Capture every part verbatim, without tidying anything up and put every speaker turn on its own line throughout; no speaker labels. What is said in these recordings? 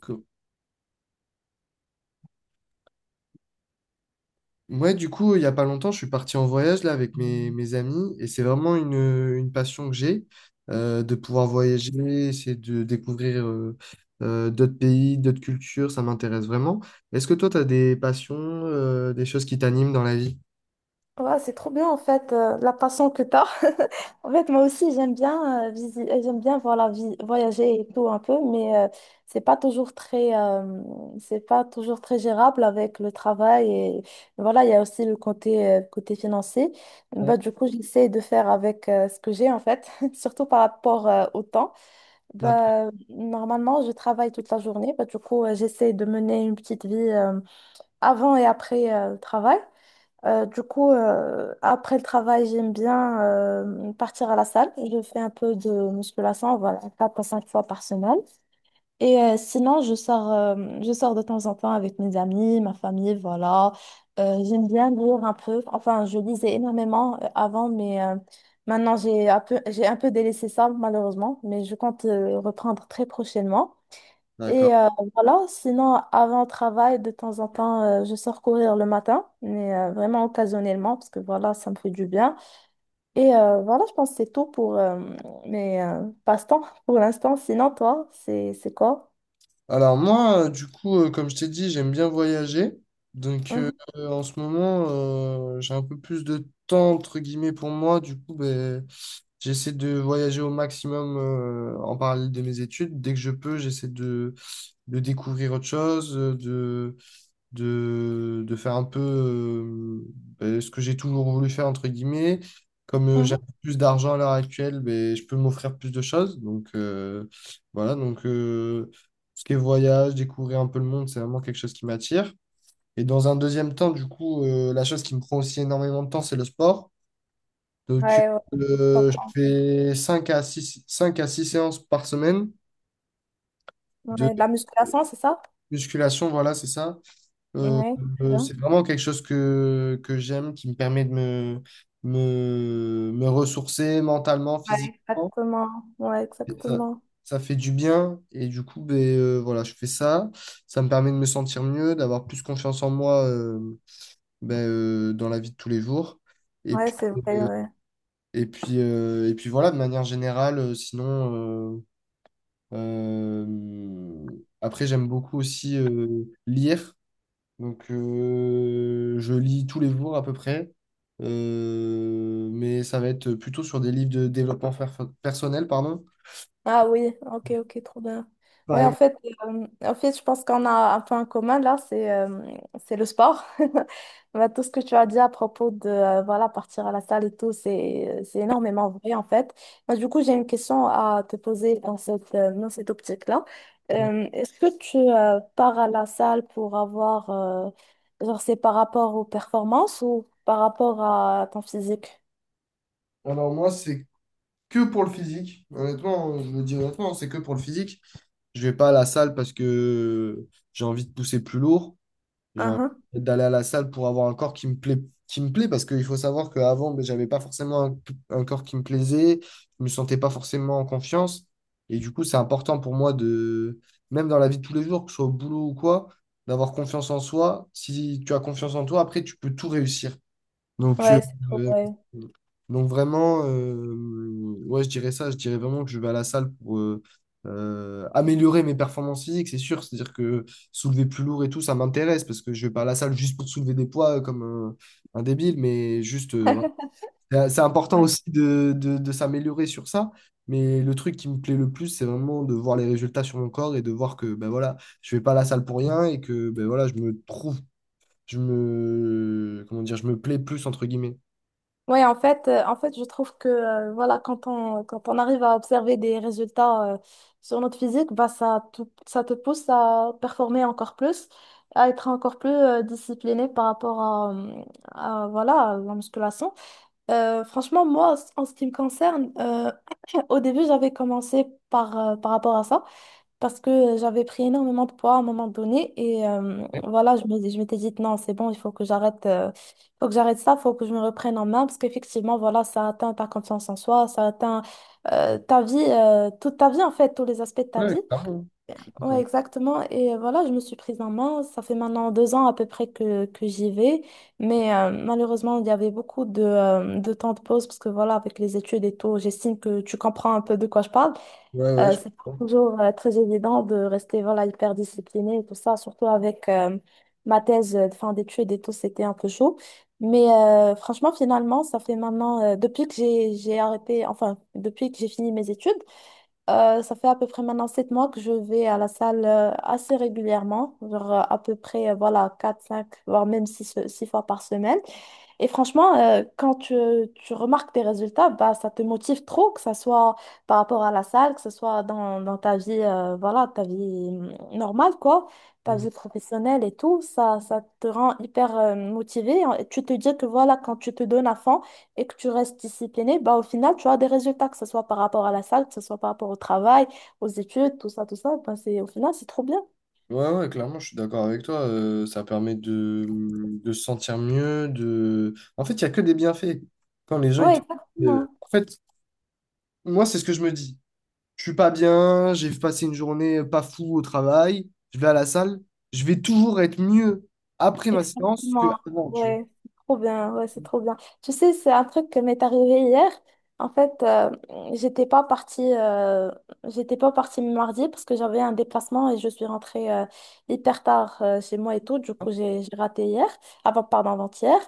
Que- Ouais, du coup, il y a pas longtemps, je suis parti en voyage là avec mes, mes amis et c'est vraiment une, une passion que j'ai euh, de pouvoir voyager, essayer de découvrir euh, euh, d'autres pays, d'autres cultures, ça m'intéresse vraiment. Est-ce que toi, tu as des passions, euh, des choses qui t'animent dans la vie?
Ouais, c'est trop bien en fait euh, la passion que t'as. En fait, moi aussi j'aime bien euh, visi- euh, j'aime bien voilà, vi- voyager et tout un peu, mais euh, c'est pas toujours très euh, c'est pas toujours très gérable avec le travail et voilà, il y a aussi le côté euh, côté financier.
Ouais.
Bah du coup, j'essaie de faire avec euh, ce que j'ai en fait, surtout par rapport euh, au temps.
D'ac-
Bah normalement, je travaille toute la journée, bah du coup, euh, j'essaie de mener une petite vie euh, avant et après euh, le travail. Euh, du coup, euh, après le travail, j'aime bien euh, partir à la salle. Je fais un peu de musculation, voilà, quatre à cinq fois par semaine. Et euh, sinon, je sors, euh, je sors de temps en temps avec mes amis, ma famille, voilà. Euh, j'aime bien lire un peu. Enfin, je lisais énormément euh, avant, mais euh, maintenant, j'ai un peu, j'ai un peu délaissé ça, malheureusement. Mais je compte euh, reprendre très prochainement.
D'accord.
Et euh, voilà, sinon, avant le travail, de temps en temps, euh, je sors courir le matin, mais euh, vraiment occasionnellement, parce que voilà, ça me fait du bien. Et euh, voilà, je pense que c'est tout pour euh, mes euh, passe-temps pour l'instant. Sinon, toi, c'est c'est quoi?
Alors moi, euh, du coup, euh, comme je t'ai dit, j'aime bien voyager. Donc euh,
Mhm,
En ce moment, euh, j'ai un peu plus de temps, entre guillemets, pour moi. Du coup, ben, j'essaie de voyager au maximum euh, en parallèle de mes études. Dès que je peux, j'essaie de, de découvrir autre chose, euh, de, de, de faire un peu euh, euh, ce que j'ai toujours voulu faire, entre guillemets. Comme euh, j'ai un
mhm.
peu plus d'argent à l'heure actuelle, ben, je peux m'offrir plus de choses. Donc euh, voilà, donc euh, Ce qui est voyage, découvrir un peu le monde, c'est vraiment quelque chose qui m'attire. Et dans un deuxième temps, du coup, euh, la chose qui me prend aussi énormément de temps, c'est le sport. Donc,
Ouais, ouais, je
euh, je
comprends.
fais cinq à six cinq à six séances par semaine de
Ouais, de la musculation, c'est ça?
musculation, voilà, c'est ça. Euh,
Ouais,
euh,
bien.
c'est vraiment quelque chose que, que j'aime, qui me permet de me, me, me ressourcer mentalement,
Ouais.
physiquement.
Exactement. Ouais,
Et Ça,
exactement.
ça fait du bien et du coup, ben, euh, voilà, je fais ça. Ça me permet de me sentir mieux, d'avoir plus confiance en moi, euh, ben, euh, dans la vie de tous les jours. Et
Ouais,
puis,
c'est vrai, ouais.
et puis, euh, et puis voilà, de manière générale, euh, sinon... euh, Euh, après, j'aime beaucoup aussi euh, lire. Donc, euh, je lis tous les jours à peu près. Euh, mais ça va être plutôt sur des livres de développement fer- personnel, pardon.
Ah oui, ok, ok, trop bien.
Par
Oui, en
exemple,
fait, euh, en fait, je pense qu'on a un peu en commun là, c'est euh, c'est le sport. Bah, tout ce que tu as dit à propos de euh, voilà, partir à la salle et tout, c'est c'est énormément vrai en fait. Moi, du coup, j'ai une question à te poser dans cette, euh, dans cette optique-là.
euh,
Euh, est-ce que tu euh, pars à la salle pour avoir, euh, genre, c'est par rapport aux performances ou par rapport à ton physique?
alors moi, c'est que pour le physique. Honnêtement, je le dis honnêtement, c'est que pour le physique. Je vais pas à la salle parce que j'ai envie de pousser plus lourd. J'ai envie
Mhm.
d'aller à la salle pour avoir un corps qui me plaît, qui me plaît parce qu'il faut savoir qu'avant, ben, j'avais pas forcément un, un corps qui me plaisait, je me sentais pas forcément en confiance. Et du coup, c'est important pour moi de, même dans la vie de tous les jours, que ce soit au boulot ou quoi, d'avoir confiance en soi. Si tu as confiance en toi, après, tu peux tout réussir. Donc,
Ouais, c'est trop
euh,
vrai.
donc vraiment, euh, ouais, je dirais ça. Je dirais vraiment que je vais à la salle pour euh, euh, améliorer mes performances physiques, c'est sûr. C'est-à-dire que soulever plus lourd et tout, ça m'intéresse parce que je vais pas à la salle juste pour soulever des poids euh, comme un, un débile, mais juste, euh, ouais. C'est c'est important aussi de, de, de s'améliorer sur ça. Mais le truc qui me plaît le plus, c'est vraiment de voir les résultats sur mon corps et de voir que ben voilà, je vais pas à la salle pour rien et que ben voilà, je me trouve, je me, comment dire, je me plais plus entre guillemets.
Oui, en fait, euh, en fait, je trouve que euh, voilà, quand on, quand on arrive à observer des résultats euh, sur notre physique, bah, ça, te- ça te pousse à performer encore plus, à être encore plus euh, discipliné par rapport à, euh, à, voilà, à la musculation. Euh, franchement, moi, en ce qui me concerne, euh, au début, j'avais commencé par, euh, par rapport à ça parce que j'avais pris énormément de poids à un moment donné et euh, voilà, je me, je m'étais dit non, c'est bon, il faut que j'arrête euh, faut que j'arrête ça, faut que je me reprenne en main parce qu'effectivement, voilà, ça atteint ta confiance en soi, ça atteint euh, ta vie, euh, toute ta vie en fait, tous les aspects de ta
Ouais,
vie.
clairement.
Ouais,
Clairement.
exactement. Et voilà, je me suis prise en main. Ça fait maintenant deux ans à peu près que, que j'y vais. Mais euh, malheureusement, il y avait beaucoup de, euh, de temps de pause parce que voilà, avec les études et tout, j'estime que tu comprends un peu de quoi je parle.
Ouais, ouais,
Euh,
je
c'est pas
comprends.
toujours euh, très évident de rester voilà, hyper discipliné et tout ça, surtout avec euh, ma thèse euh, de fin d'études et tout, c'était un peu chaud. Mais euh, franchement, finalement, ça fait maintenant, euh, depuis que j'ai j'ai arrêté, enfin, depuis que j'ai fini mes études, euh, ça fait à peu près maintenant sept mois que je vais à la salle euh, assez régulièrement, genre euh, à peu près euh, voilà, quatre cinq voire même six euh, six fois par semaine. Et franchement, euh, quand tu, tu remarques tes résultats, bah, ça te motive trop, que ce soit par rapport à la salle, que ce soit dans, dans ta vie, euh, voilà, ta vie hum, normale, quoi, ta
Je-
vie professionnelle et tout, ça, ça te rend hyper motivé. Tu te dis que voilà, quand tu te donnes à fond, et que tu restes discipliné, bah, au final, tu as des résultats, que ce soit par rapport à la salle, que ce soit par rapport au travail, aux études, tout ça, tout ça. Bah, c'est, au final, c'est trop bien.
Ouais, ouais, clairement, je suis d'accord avec toi. euh, ça permet de, de se sentir mieux, de... En fait, il n'y a que des bienfaits. Quand les gens, ils
Oui,
te... euh,
exactement.
En fait, moi, c'est ce que je me dis. Je suis pas bien, j'ai passé une journée pas fou au travail, je vais à la salle, je vais toujours être mieux après ma séance que
Exactement.
avant, tu vois.
Ouais, c'est trop bien. Ouais, c'est trop bien. Tu sais, c'est un truc qui m'est arrivé hier. En fait, euh, j'étais pas partie, euh, j'étais pas partie mardi parce que j'avais un déplacement et je suis rentrée euh, hyper tard euh, chez moi et tout. Du coup, j'ai j'ai raté hier, avant, pardon, avant-hier.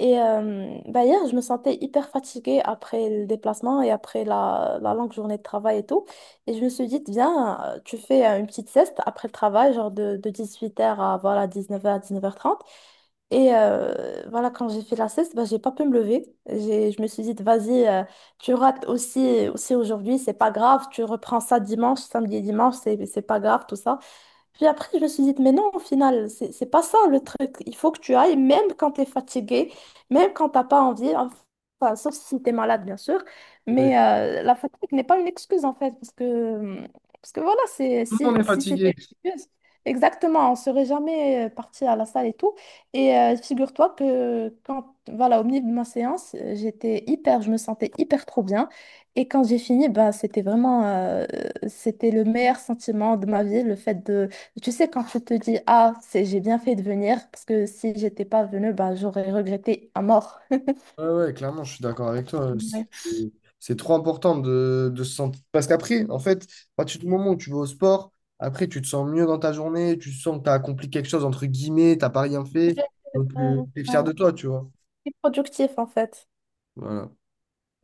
Et euh, bah, hier, je me sentais hyper fatiguée après le déplacement et après la, la longue journée de travail et tout. Et je me suis dit, viens, euh, tu fais euh, une petite sieste après le travail, genre de, de dix huit heures à voilà, dix neuf heures dix neuf heures trente Et euh, voilà, quand j'ai fait la sieste, bah, j'ai pas pu me lever. J'ai, je me suis dit, vas-y, euh, tu rates aussi, aussi aujourd'hui, c'est pas grave, tu reprends ça dimanche, samedi et dimanche, c'est, c'est pas grave, tout ça. Puis après, je me suis dit, mais non, au final, c'est c'est pas ça le truc. Il faut que tu ailles, même quand tu es fatigué, même quand t'as pas envie, enfin, sauf si tu es malade, bien sûr.
Oui.
Mais euh, la fatigue n'est pas une excuse, en fait, parce que, parce que voilà, c'est,
Tout le
si,
monde est
si
fatigué.
c'était une excuse, exactement, on serait jamais euh, parti à la salle et tout. Et euh, figure-toi que quand, voilà, au milieu de ma séance, euh, j'étais hyper, je me sentais hyper trop bien. Et quand j'ai fini, bah, c'était vraiment, euh, c'était le meilleur sentiment de ma vie, le fait de tu sais, quand tu te dis, ah, c'est, j'ai bien fait de venir, parce que si j'étais pas venue, bah, j'aurais regretté à mort.
Ouais, ouais, clairement, je suis d'accord avec toi.
Ouais.
C'est c'est trop important de, de se sentir. Parce qu'après, en fait, à partir du moment où tu vas au sport, après, tu te sens mieux dans ta journée, tu sens que tu as accompli quelque chose, entre guillemets, t'as pas rien fait.
Ouais,
Donc,
euh,
tu es fier
ouais.
de toi, tu vois.
C'est productif en fait.
Voilà.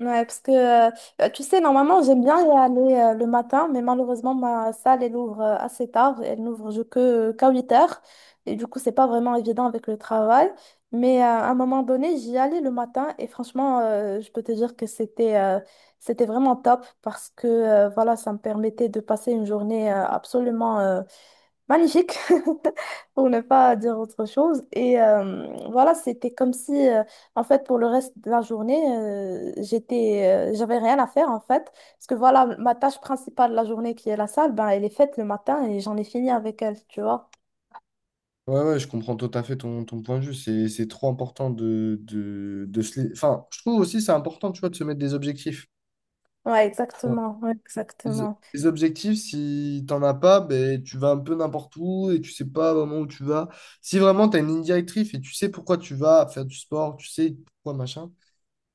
Ouais, parce que euh, euh, tu sais, normalement, j'aime bien y aller euh, le matin, mais malheureusement, ma salle, elle ouvre euh, assez tard. Elle n'ouvre je- que qu'à huit heures. Et du coup, c'est pas vraiment évident avec le travail. Mais euh, à un moment donné, j'y allais le matin. Et franchement, euh, je peux te dire que c'était euh, c'était vraiment top parce que euh, voilà, ça me permettait de passer une journée euh, absolument euh, magnifique, pour ne pas dire autre chose. Et euh, voilà, c'était comme si, euh, en fait, pour le reste de la journée, euh, j'étais, euh, j'avais rien à faire, en fait. Parce que voilà, ma tâche principale de la journée, qui est la salle, ben, elle est faite le matin et j'en ai fini avec elle, tu vois.
Ouais, ouais, je comprends tout à fait ton, ton point de vue. C'est, c'est trop important de, de, de se. les- Enfin, je trouve aussi c'est important, tu vois, de se mettre des objectifs.
Ouais, exactement, ouais,
Les
exactement.
les objectifs, si t'en as pas, ben, tu vas un peu n'importe où et tu sais pas vraiment où tu vas. Si vraiment tu as une ligne directrice et tu sais pourquoi tu vas faire du sport, tu sais pourquoi machin,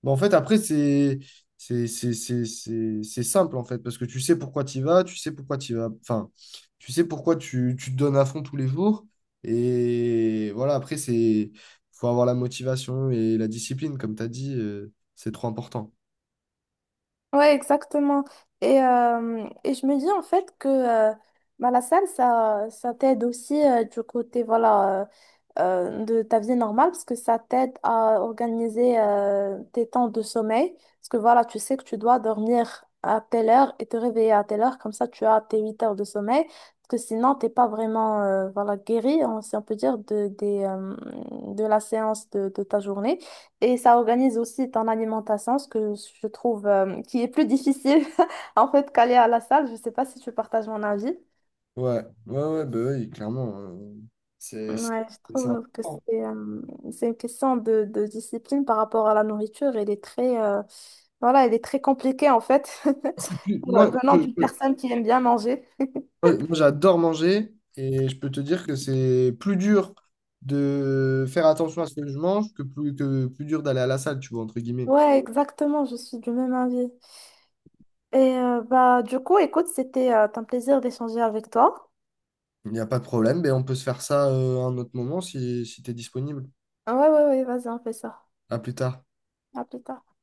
ben, en fait, après, c'est c'est c'est- c'est- c'est- c'est simple, en fait, parce que tu sais pourquoi tu vas, tu sais pourquoi tu vas, enfin, tu sais pourquoi tu, tu te donnes à fond tous les jours. Et voilà, après, c'est faut avoir la motivation et la discipline, comme tu as dit, euh, c'est trop important.
Ouais, exactement. Et, euh, et je me dis en fait que euh, bah, la salle, ça, ça t'aide aussi euh, du côté voilà, euh, euh, de ta vie normale, parce que ça t'aide à organiser euh, tes temps de sommeil. Parce que voilà, tu sais que tu dois dormir à telle heure et te réveiller à telle heure, comme ça tu as tes huit heures de sommeil. Parce que sinon, t'es pas vraiment euh, voilà, guéri, on- si on peut dire, de, des, euh, de la séance de, de ta journée. Et ça organise aussi ton alimentation, ce que je trouve euh, qui est plus difficile en fait qu'aller à la salle. Je ne sais pas si tu partages mon avis.
Ouais, ouais, ouais, bah oui, clairement. euh, c'est c'est-
Ouais, je
c'est
trouve que
important.
c'est euh, c'est une question de, de discipline par rapport à la nourriture. Elle est très, euh, voilà, elle est très compliquée en fait,
C'est plus, moi,
venant
je-
d'une
je-
personne qui aime bien manger.
moi, moi, j'adore manger et je peux te dire que c'est plus dur de faire attention à ce que je mange que plus, que plus dur d'aller à la salle, tu vois, entre guillemets.
Ouais, exactement, je suis du même avis. Et euh, bah, du coup, écoute, c'était euh, un plaisir d'échanger avec toi.
Il n'y a pas de problème, mais on peut se faire ça euh, à un autre moment si, si tu es disponible.
Ouais, ouais, ouais, vas-y, on fait ça.
À plus tard.
À plus tard.